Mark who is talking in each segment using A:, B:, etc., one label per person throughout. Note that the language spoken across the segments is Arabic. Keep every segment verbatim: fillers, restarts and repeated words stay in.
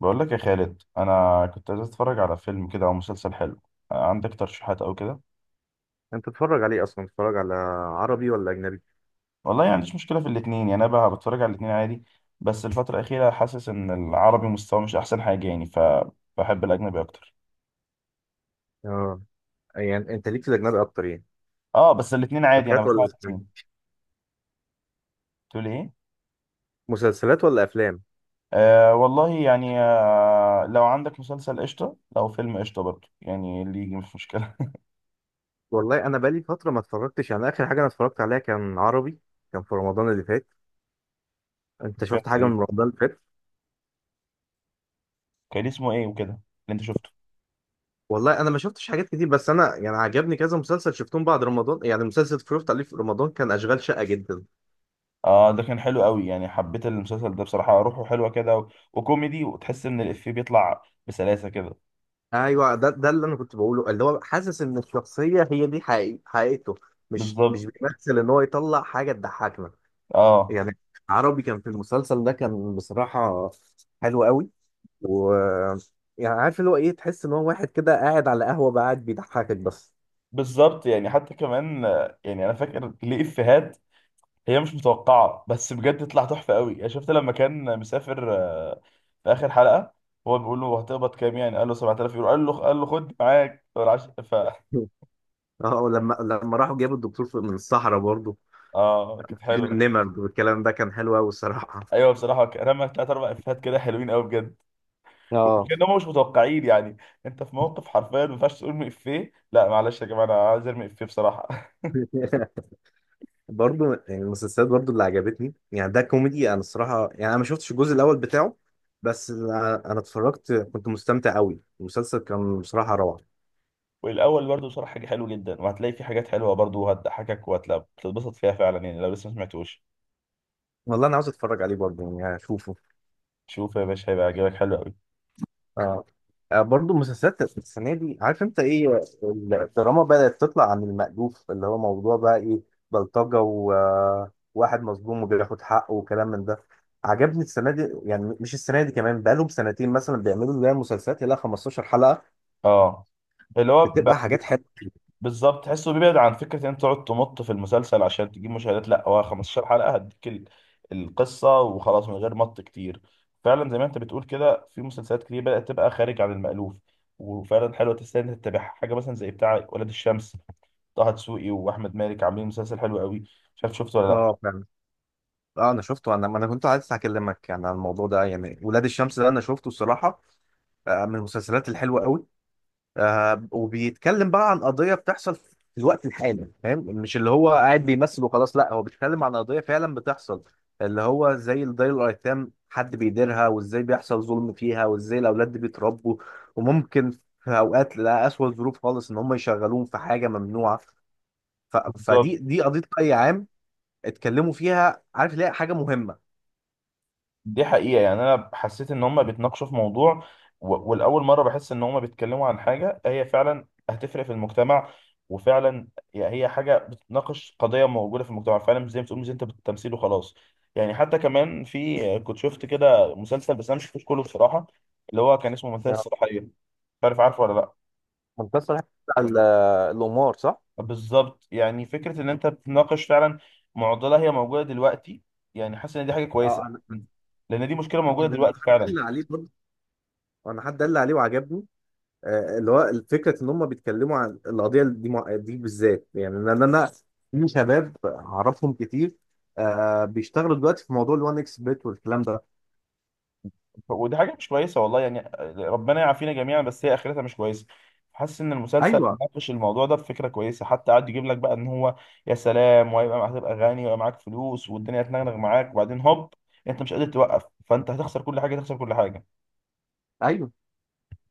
A: بقول لك يا خالد انا كنت عايز اتفرج على فيلم كده او مسلسل حلو. عندك ترشيحات او كده؟
B: انت تتفرج عليه اصلا، تتفرج على عربي ولا اجنبي؟
A: والله يعني مفيش مشكله في الاثنين، يعني انا بقى بتفرج على الاثنين عادي. بس الفتره الاخيره حاسس ان العربي مستواه مش احسن حاجه يعني، فبحب الاجنبي اكتر.
B: اه. يعني انت ليك في الاجنبي اكتر، يعني.
A: اه، بس الاثنين عادي انا
B: مسلسلات
A: بسمع
B: ولا أفلام؟
A: الاثنين. تقول ايه؟
B: مسلسلات ولا افلام؟
A: آه والله يعني، آه لو عندك مسلسل قشطه، لو فيلم قشطه برضه، يعني اللي يجي مش مشكله.
B: والله، انا بقالي فتره ما اتفرجتش، يعني اخر حاجه انا اتفرجت عليها كان عربي، كان في رمضان اللي فات. انت
A: سمعت
B: شفت حاجه من
A: ايه؟
B: رمضان اللي فات؟
A: كان اسمه ايه وكده اللي انت شفته؟
B: والله انا ما شفتش حاجات كتير، بس انا يعني عجبني كذا مسلسل شفتهم بعد رمضان. يعني مسلسل اتفرجت عليه في رمضان كان اشغال شقه جدا.
A: اه ده كان حلو قوي يعني، حبيت المسلسل ده بصراحة، روحه حلوة كده و... وكوميدي، وتحس ان الإفيه بيطلع بسلاسة كده.
B: ايوه، ده ده اللي انا كنت بقوله، اللي هو حاسس ان الشخصيه هي دي حقيقي- حقيقته، مش مش
A: بالظبط.
B: بيمثل ان هو يطلع حاجه تضحكنا.
A: اه.
B: يعني عربي، كان في المسلسل ده كان بصراحة حلو قوي. و يعني عارف اللي هو ايه، تحس ان هو واحد كده قاعد على قهوة بقى، قاعد بيضحكك بس.
A: بالظبط يعني، حتى كمان آه، يعني انا فاكر ليه إفيهات هي مش متوقعة، بس بجد تطلع تحفة قوي. يعني شفت لما كان مسافر، آه، في آخر حلقة، هو بيقول له هتقبض كام؟ يعني قال له 7000 يورو، قال له قال له خد معاك فالعش- ف
B: اه، لما لما راحوا جابوا الدكتور في- من الصحراء برضه.
A: اه كانت حلوة.
B: النمر والكلام ده كان حلو قوي الصراحة.
A: ايوه بصراحة رمى ثلاث اربع إفيهات كده حلوين قوي بجد.
B: اه.
A: كانهم مش متوقعين يعني. انت في موقف حرفيا ما ينفعش تقول افيه، لا معلش يا جماعه انا عايز ارمي افيه بصراحه.
B: برضه يعني المسلسلات برضه اللي عجبتني، يعني ده كوميدي. انا الصراحة يعني انا ما شفتش الجزء الاول بتاعه، بس انا أنا اتفرجت، كنت مستمتع قوي، المسلسل كان بصراحة روعة.
A: والاول برضه بصراحه حاجه حلوه جدا، وهتلاقي في حاجات حلوه برضه، وهتضحكك وهتتبسط فيها فعلا، يعني لو لسه ما سمعتوش.
B: والله انا عاوز اتفرج عليه برضه، يعني اشوفه.
A: شوف يا باشا هيبقى عاجبك، حلو قوي.
B: اه، آه، برضو مسلسلات السنه دي، عارف انت ايه، الدراما بدات تطلع عن المألوف، اللي هو موضوع بقى ايه، بلطجه وواحد مظلوم وبياخد حقه وكلام من ده. عجبني السنه دي، يعني مش السنه دي، كمان بقالهم سنتين مثلا بيعملوا زي مسلسلات يلا خمسة عشر حلقه،
A: اه. اللي هو
B: بتبقى حاجات
A: ب-
B: حلوه.
A: بالظبط، تحسه بيبعد عن فكرة ان انت تقعد تمط في المسلسل عشان تجيب مشاهدات، لا هو 15 حلقة هديك ال- القصة وخلاص من غير مط كتير. فعلا زي ما انت بتقول كده، في مسلسلات كتير بدأت تبقى خارج عن المألوف، وفعلا حلوة تستاهل انك تتابعها. حاجة مثلا زي بتاع ولاد الشمس، طه دسوقي واحمد مالك عاملين مسلسل حلو قوي، مش عارف شفته ولا لا.
B: اه فعلا. اه انا شفته، انا انا كنت عايز اكلمك يعني عن الموضوع ده، يعني ولاد الشمس ده انا شفته الصراحه، آه، من المسلسلات الحلوه قوي. آه وبيتكلم بقى عن قضية بتحصل في الوقت الحالي، فاهم؟ مش اللي هو قاعد بيمثل وخلاص، لا هو بيتكلم عن قضية فعلا بتحصل، اللي هو زي دار الأيتام، حد بيديرها وازاي بيحصل ظلم فيها، وازاي الأولاد دي بيتربوا وممكن في أوقات، لا، أسوأ ظروف خالص، إن هم يشغلوهم في حاجة ممنوعة. ف...
A: بالظبط.
B: فدي دي قضية رأي عام اتكلموا فيها، عارف ليه، حاجة مهمة.
A: دي حقيقة يعني، أنا حسيت إن هما بيتناقشوا في موضوع، و- والأول مرة بحس إن هما بيتكلموا عن حاجة هي فعلا هتفرق في المجتمع، وفعلا. يعني هي حاجة بتناقش قضية موجودة في المجتمع فعلا، مش زي ما بتقول مش أنت بالتمثيل وخلاص. يعني حتى كمان في كنت شفت كده مسلسل، بس أنا مش شفتوش كله بصراحة، اللي هو كان اسمه منتهى
B: يا
A: الصلاحية، مش عارف عارفه ولا لأ.
B: منتصر، ال- الأمور صح؟
A: بالظبط، يعني فكرة إن أنت بتناقش فعلا معضلة هي موجودة دلوقتي، يعني حاسس إن دي حاجة
B: اه
A: كويسة،
B: انا،
A: لأن دي مشكلة
B: أنا-
A: موجودة
B: أنا
A: دلوقتي
B: حد
A: فعلا.
B: قال لي عليه برضه، انا حد قال لي عليه وعجبني. آه، اللي هو فكره ان هم بيتكلموا عن القضيه دي، مع- دي بالذات، يعني ان انا في شباب اعرفهم كتير آه، بيشتغلوا دلوقتي في موضوع ال1 اكس بيت والكلام ده.
A: ودي حاجه مش كويسه والله يعني، ربنا يعافينا جميعا بس هي اخرتها مش كويسه. حاسس ان المسلسل
B: ايوه،
A: ناقش الموضوع ده بفكره كويسه، حتى قعد يجيب لك بقى ان هو يا سلام وهيبقى معاك هتبقى غني ويبقى معاك فلوس والدنيا هتنغنغ معاك، وبعدين هوب، انت مش قادر توقف، فانت هتخسر كل حاجه، تخسر كل حاجه.
B: ايوه،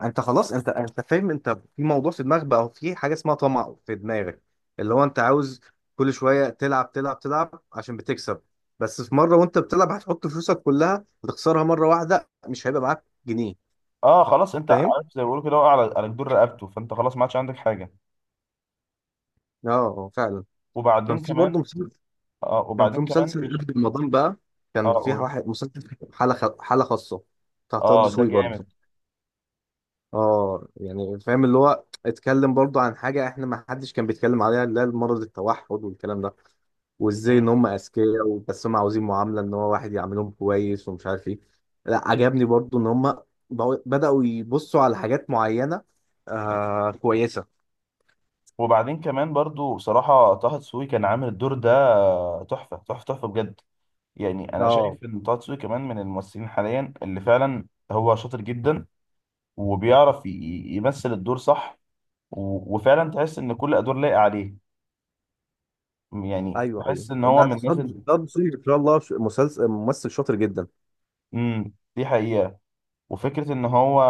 B: انت خلاص، انت انت فاهم. انت في موضوع في دماغك بقى، في حاجه اسمها طمع في دماغك، اللي هو انت عاوز كل شويه تلعب تلعب تلعب عشان بتكسب. بس في مره وانت بتلعب هتحط فلوسك كلها، هتخسرها مره واحده، مش هيبقى معاك جنيه.
A: اه خلاص انت
B: فاهم؟
A: عارف زي ما بيقولوا كده، وقع على على جدور رقبته، فانت خلاص ما عادش عندك حاجه.
B: اه، آه، فعلا. كان
A: وبعدين
B: في
A: كمان.
B: برضه
A: اه
B: كان في
A: وبعدين كمان
B: مسلسل
A: مش
B: قبل رمضان بقى،
A: اه
B: كان في
A: اقول.
B: واحد مسلسل حالة خ... حالة خاصة بتاع طه
A: اه ده
B: دسوقي
A: جامد.
B: برضه. اه يعني فاهم، اللي هو اتكلم برضه عن حاجة احنا ما حدش كان بيتكلم عليها، اللي هي مرض التوحد والكلام ده، وازاي ان
A: مم.
B: هم اذكياء، و- بس هم عاوزين معاملة ان هو واحد يعاملهم كويس ومش عارف ايه. لا عجبني برضه ان هم بقوا- بدأوا يبصوا على حاجات معينة آه كويسة.
A: وبعدين كمان برضو بصراحه طه دسوقي كان عامل الدور ده تحفه تحفه تحفه بجد. يعني انا
B: اه
A: شايف ان طه دسوقي كمان من الممثلين حاليا اللي فعلا هو شاطر جدا، وبيعرف ي- ي- يمثل الدور صح، و- وفعلا تحس ان كل ادوار لايقه عليه، يعني
B: ايوه ايوه،
A: بحس ان هو
B: ده
A: من الناس
B: ده
A: اللي...
B: ده دسوقي ان شاء الله، ش- مسلسل ممثل شاطر جدا.
A: امم دي حقيقه. وفكره ان هو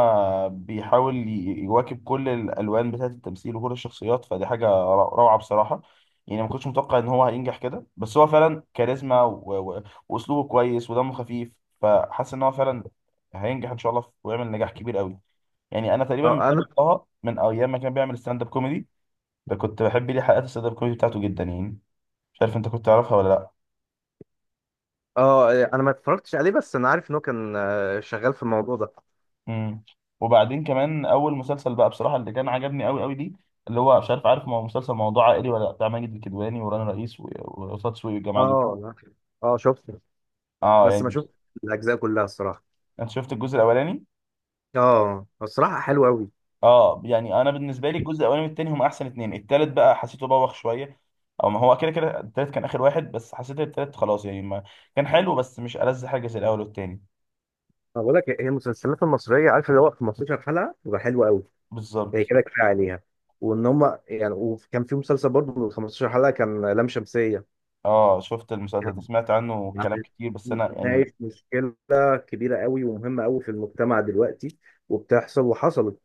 A: بيحاول ي- يواكب كل الالوان بتاعه التمثيل وكل الشخصيات، فدي حاجه ر- روعه بصراحه. يعني ما كنتش متوقع ان هو هينجح كده، بس هو فعلا كاريزما و- و- واسلوبه كويس ودمه خفيف، فحاسس ان هو فعلا هينجح ان شاء الله ويعمل نجاح كبير قوي. يعني انا تقريبا
B: اه
A: متابع
B: انا،
A: طه من ايام ما كان بيعمل ستاند اب كوميدي، ده كنت بحب ليه حلقات الستاند اب كوميدي بتاعته جدا يعني، مش عارف انت كنت تعرفها ولا لا.
B: اه إيه، انا ما اتفرجتش عليه، بس انا عارف انه كان آه، شغال في الموضوع ده.
A: امم وبعدين كمان اول مسلسل بقى بصراحه اللي كان عجبني قوي قوي ليه، اللي هو مش عارف عارف مو- مسلسل موضوع عائلي ولا لا، بتاع ماجد الكدواني ورانا رئيس و- وقصاد سوقي والجماعه دول.
B: اه، لا. اه شفته،
A: اه
B: بس ما
A: يعني
B: شفت الاجزاء كلها الصراحه.
A: انت شفت الجزء الاولاني؟
B: اه، الصراحه حلوه قوي.
A: اه يعني انا بالنسبه لي الجزء الاولاني والتاني هم احسن اتنين، التالت بقى حسيته بوخ شويه. او ما هو كده كده التالت كان اخر واحد، بس حسيت التالت خلاص يعني ما، كان حلو بس مش ألذ حاجه زي الاول والتاني.
B: انا بقول لك، هي المسلسلات المصريه، عارف اللي هو خمسة عشر حلقه بتبقى حلوه قوي، هي
A: بالظبط.
B: كده كفايه عليها. وان هم يعني، وكان في مسلسل برضه من خمسة عشر حلقه كان لام شمسيه،
A: اه شفت المسلسل ده
B: يعني
A: سمعت عنه كلام كتير، بس انا يعني
B: ناقش مشكله كبيره قوي ومهمه قوي في المجتمع دلوقتي، وبتحصل وحصلت.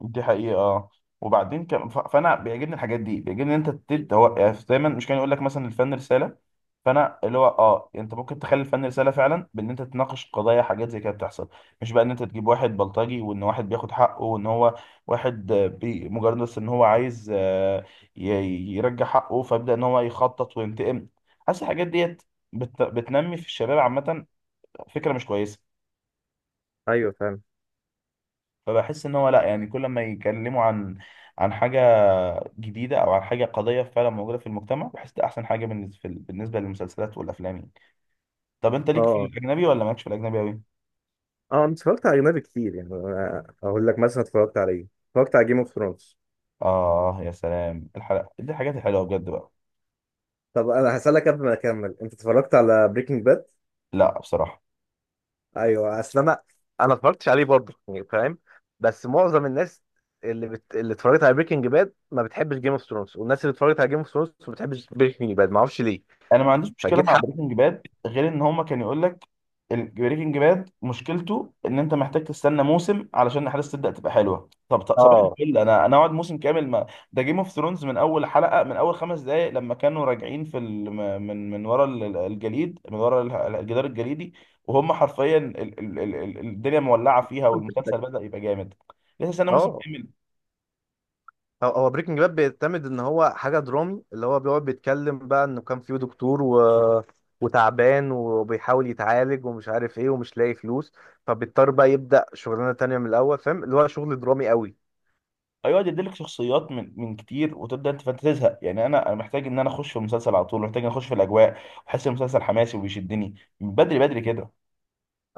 A: دي حقيقة آه. وبعدين كم ف- فانا بيعجبني الحاجات دي، بيعجبني ان انت تت- هو- يعني دايما مش كان يقول لك مثلا الفن رسالة، فانا اللي هو اه انت ممكن تخلي الفن رسالة فعلا بان انت تناقش قضايا حاجات زي كده بتحصل، مش بقى ان انت تجيب واحد بلطجي وان واحد بياخد حقه، وان هو واحد آه، بي مجرد بس ان هو عايز آه، ي- يرجع حقه، فيبدأ ان هو يخطط وينتقم. حاسس الحاجات ديت بت- بتنمي في الشباب عامة فكرة مش كويسة.
B: ايوه فاهم.
A: فبحس ان هو لا يعني، كل ما يتكلموا عن عن حاجه جديده او عن حاجه قضيه فعلا موجوده في المجتمع، بحس ده احسن حاجه بالنسبه في ال- بالنسبه للمسلسلات والافلام يعني. طب انت ليك في
B: اه
A: الاجنبي ولا مالكش في الاجنبي قوي؟
B: اه، انا اتفرجت على اجنبي كتير، يعني أنا اقول لك مثلا، اتفرجت على ايه، اتفرجت على جيم اوف ثرونز.
A: اه يا سلام الحلقه دي الحاجات الحلوه بجد بقى.
B: طب انا هسألك قبل ما اكمل، انت اتفرجت على بريكنج باد؟
A: لا بصراحه.
B: ايوه، اصل انا انا ما اتفرجتش عليه برضه، يعني فاهم. بس معظم الناس اللي بت... اللي اتفرجت على بريكنج باد ما بتحبش جيم اوف ثرونز، والناس اللي اتفرجت على جيم اوف ثرونز ما بتحبش بريكنج باد، ما اعرفش ليه،
A: انا ما عنديش مشكله
B: فجيت
A: مع
B: حق.
A: بريكنج باد، غير ان هما كان يقول لك البريكنج باد مشكلته ان انت محتاج تستنى موسم علشان الاحداث تبدا تبقى حلوه، طب طب صباح
B: اه
A: الفل، انا انا اقعد موسم كامل ما... ده جيم اوف ثرونز من اول حلقه، من اول خمس دقائق لما كانوا راجعين في ال... م- من من ورا ال- ال- الجليد، من ورا ال- ال- الجدار الجليدي، وهم حرفيا ال... ال... ال... ال- الدنيا مولعه فيها والمسلسل بدا يبقى جامد. لسه استنى موسم
B: اه،
A: كامل.
B: هو هو بريكنج باد بيعتمد ان هو حاجه درامي، اللي هو بيقعد بيتكلم بقى انه كان فيه دكتور و... وتعبان، وبيحاول يتعالج ومش عارف ايه، ومش لاقي فلوس، فبيضطر بقى يبدا شغلانه تانية من الاول، فاهم، اللي هو شغل درامي قوي.
A: ايوه يديلك شخصيات من من كتير، وتبدا انت فانت تزهق يعني، انا انا محتاج ان انا اخش في المسلسل على طول، محتاج ان اخش في الاجواء، واحس المسلسل حماسي وبيشدني من بدري بدري كده.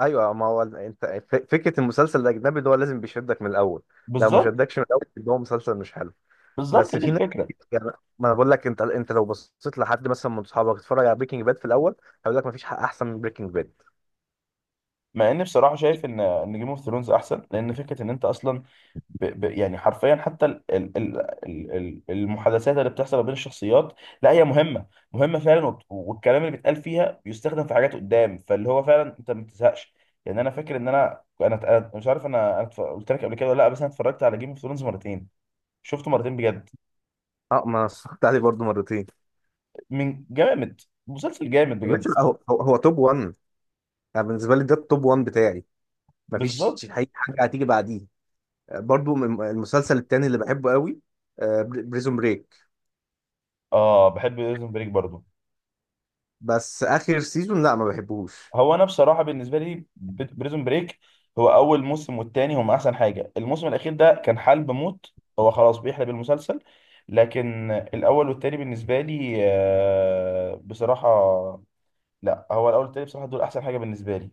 B: ايوه، ما هو انت، ف- فكره المسلسل الاجنبي ده هو لازم بيشدك من الاول، لو ما
A: بالظبط.
B: شدكش من الاول يبقى هو مسلسل مش حلو.
A: بالظبط
B: بس
A: هي دي
B: في ناس
A: الفكره.
B: كتير- يعني، ما انا بقول لك، انت انت لو بصيت لحد مثلا من اصحابك اتفرج على بريكنج باد في الاول، هيقول لك ما فيش حق احسن من بريكنج باد.
A: مع اني بصراحه شايف ان ان جيم اوف ثرونز احسن، لان فكره ان انت اصلا ب... ب... يعني حرفيا حتى ال... ال... ال... ال- ال- المحادثات اللي بتحصل ما بين الشخصيات لا هي مهمة مهمة فعلا، وبت- والكلام اللي بيتقال فيها بيستخدم في حاجات قدام، فاللي هو فعلا انت ما بتزهقش. يعني انا فاكر ان انا انا أنا مش عارف انا انا اتف- قلت لك قبل كده ولا لا، بس انا اتفرجت على جيم اوف ثرونز مرتين. شفته مرتين بجد.
B: اه، ما أنا اتفرجت عليه برضه مرتين.
A: من جامد. مسلسل جامد
B: يا
A: بجد.
B: باشا، هو هو, هو توب ون. انا بالنسبه لي ده التوب ون بتاعي، مفيش
A: بالظبط.
B: حقيقة حاجه هتيجي بعديه. آه، برضو من- المسلسل التاني اللي بحبه قوي بريزون بريك،
A: اه بحب بريزون بريك برضه.
B: بس اخر سيزون لا ما بحبوش.
A: هو انا بصراحه بالنسبه لي بريزون بريك، هو اول موسم والتاني هم احسن حاجه، الموسم الاخير ده كان حلب موت، هو خلاص بيحلب المسلسل، لكن الاول والتاني بالنسبه لي آه، بصراحه، لا هو الاول والتاني بصراحه دول احسن حاجه بالنسبه لي.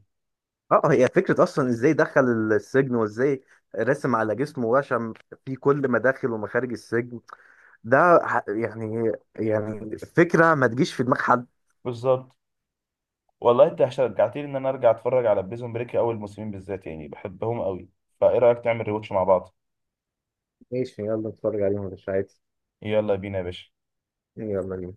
B: اه، آه، هي فكره اصلا ازاي دخل السجن، وازاي رسم على جسمه وشم في كل مداخل ومخارج السجن، ده ح- يعني يعني فكره ما تجيش في دماغ حد.
A: بالظبط. والله انت شجعتني ان انا ارجع اتفرج على بريزون بريك، اول موسمين بالذات يعني بحبهم قوي، فايه رايك تعمل ريواتش مع بعض؟
B: ماشي، يلا نتفرج عليهم مش عادي.
A: يلا بينا يا باشا.
B: يلا بينا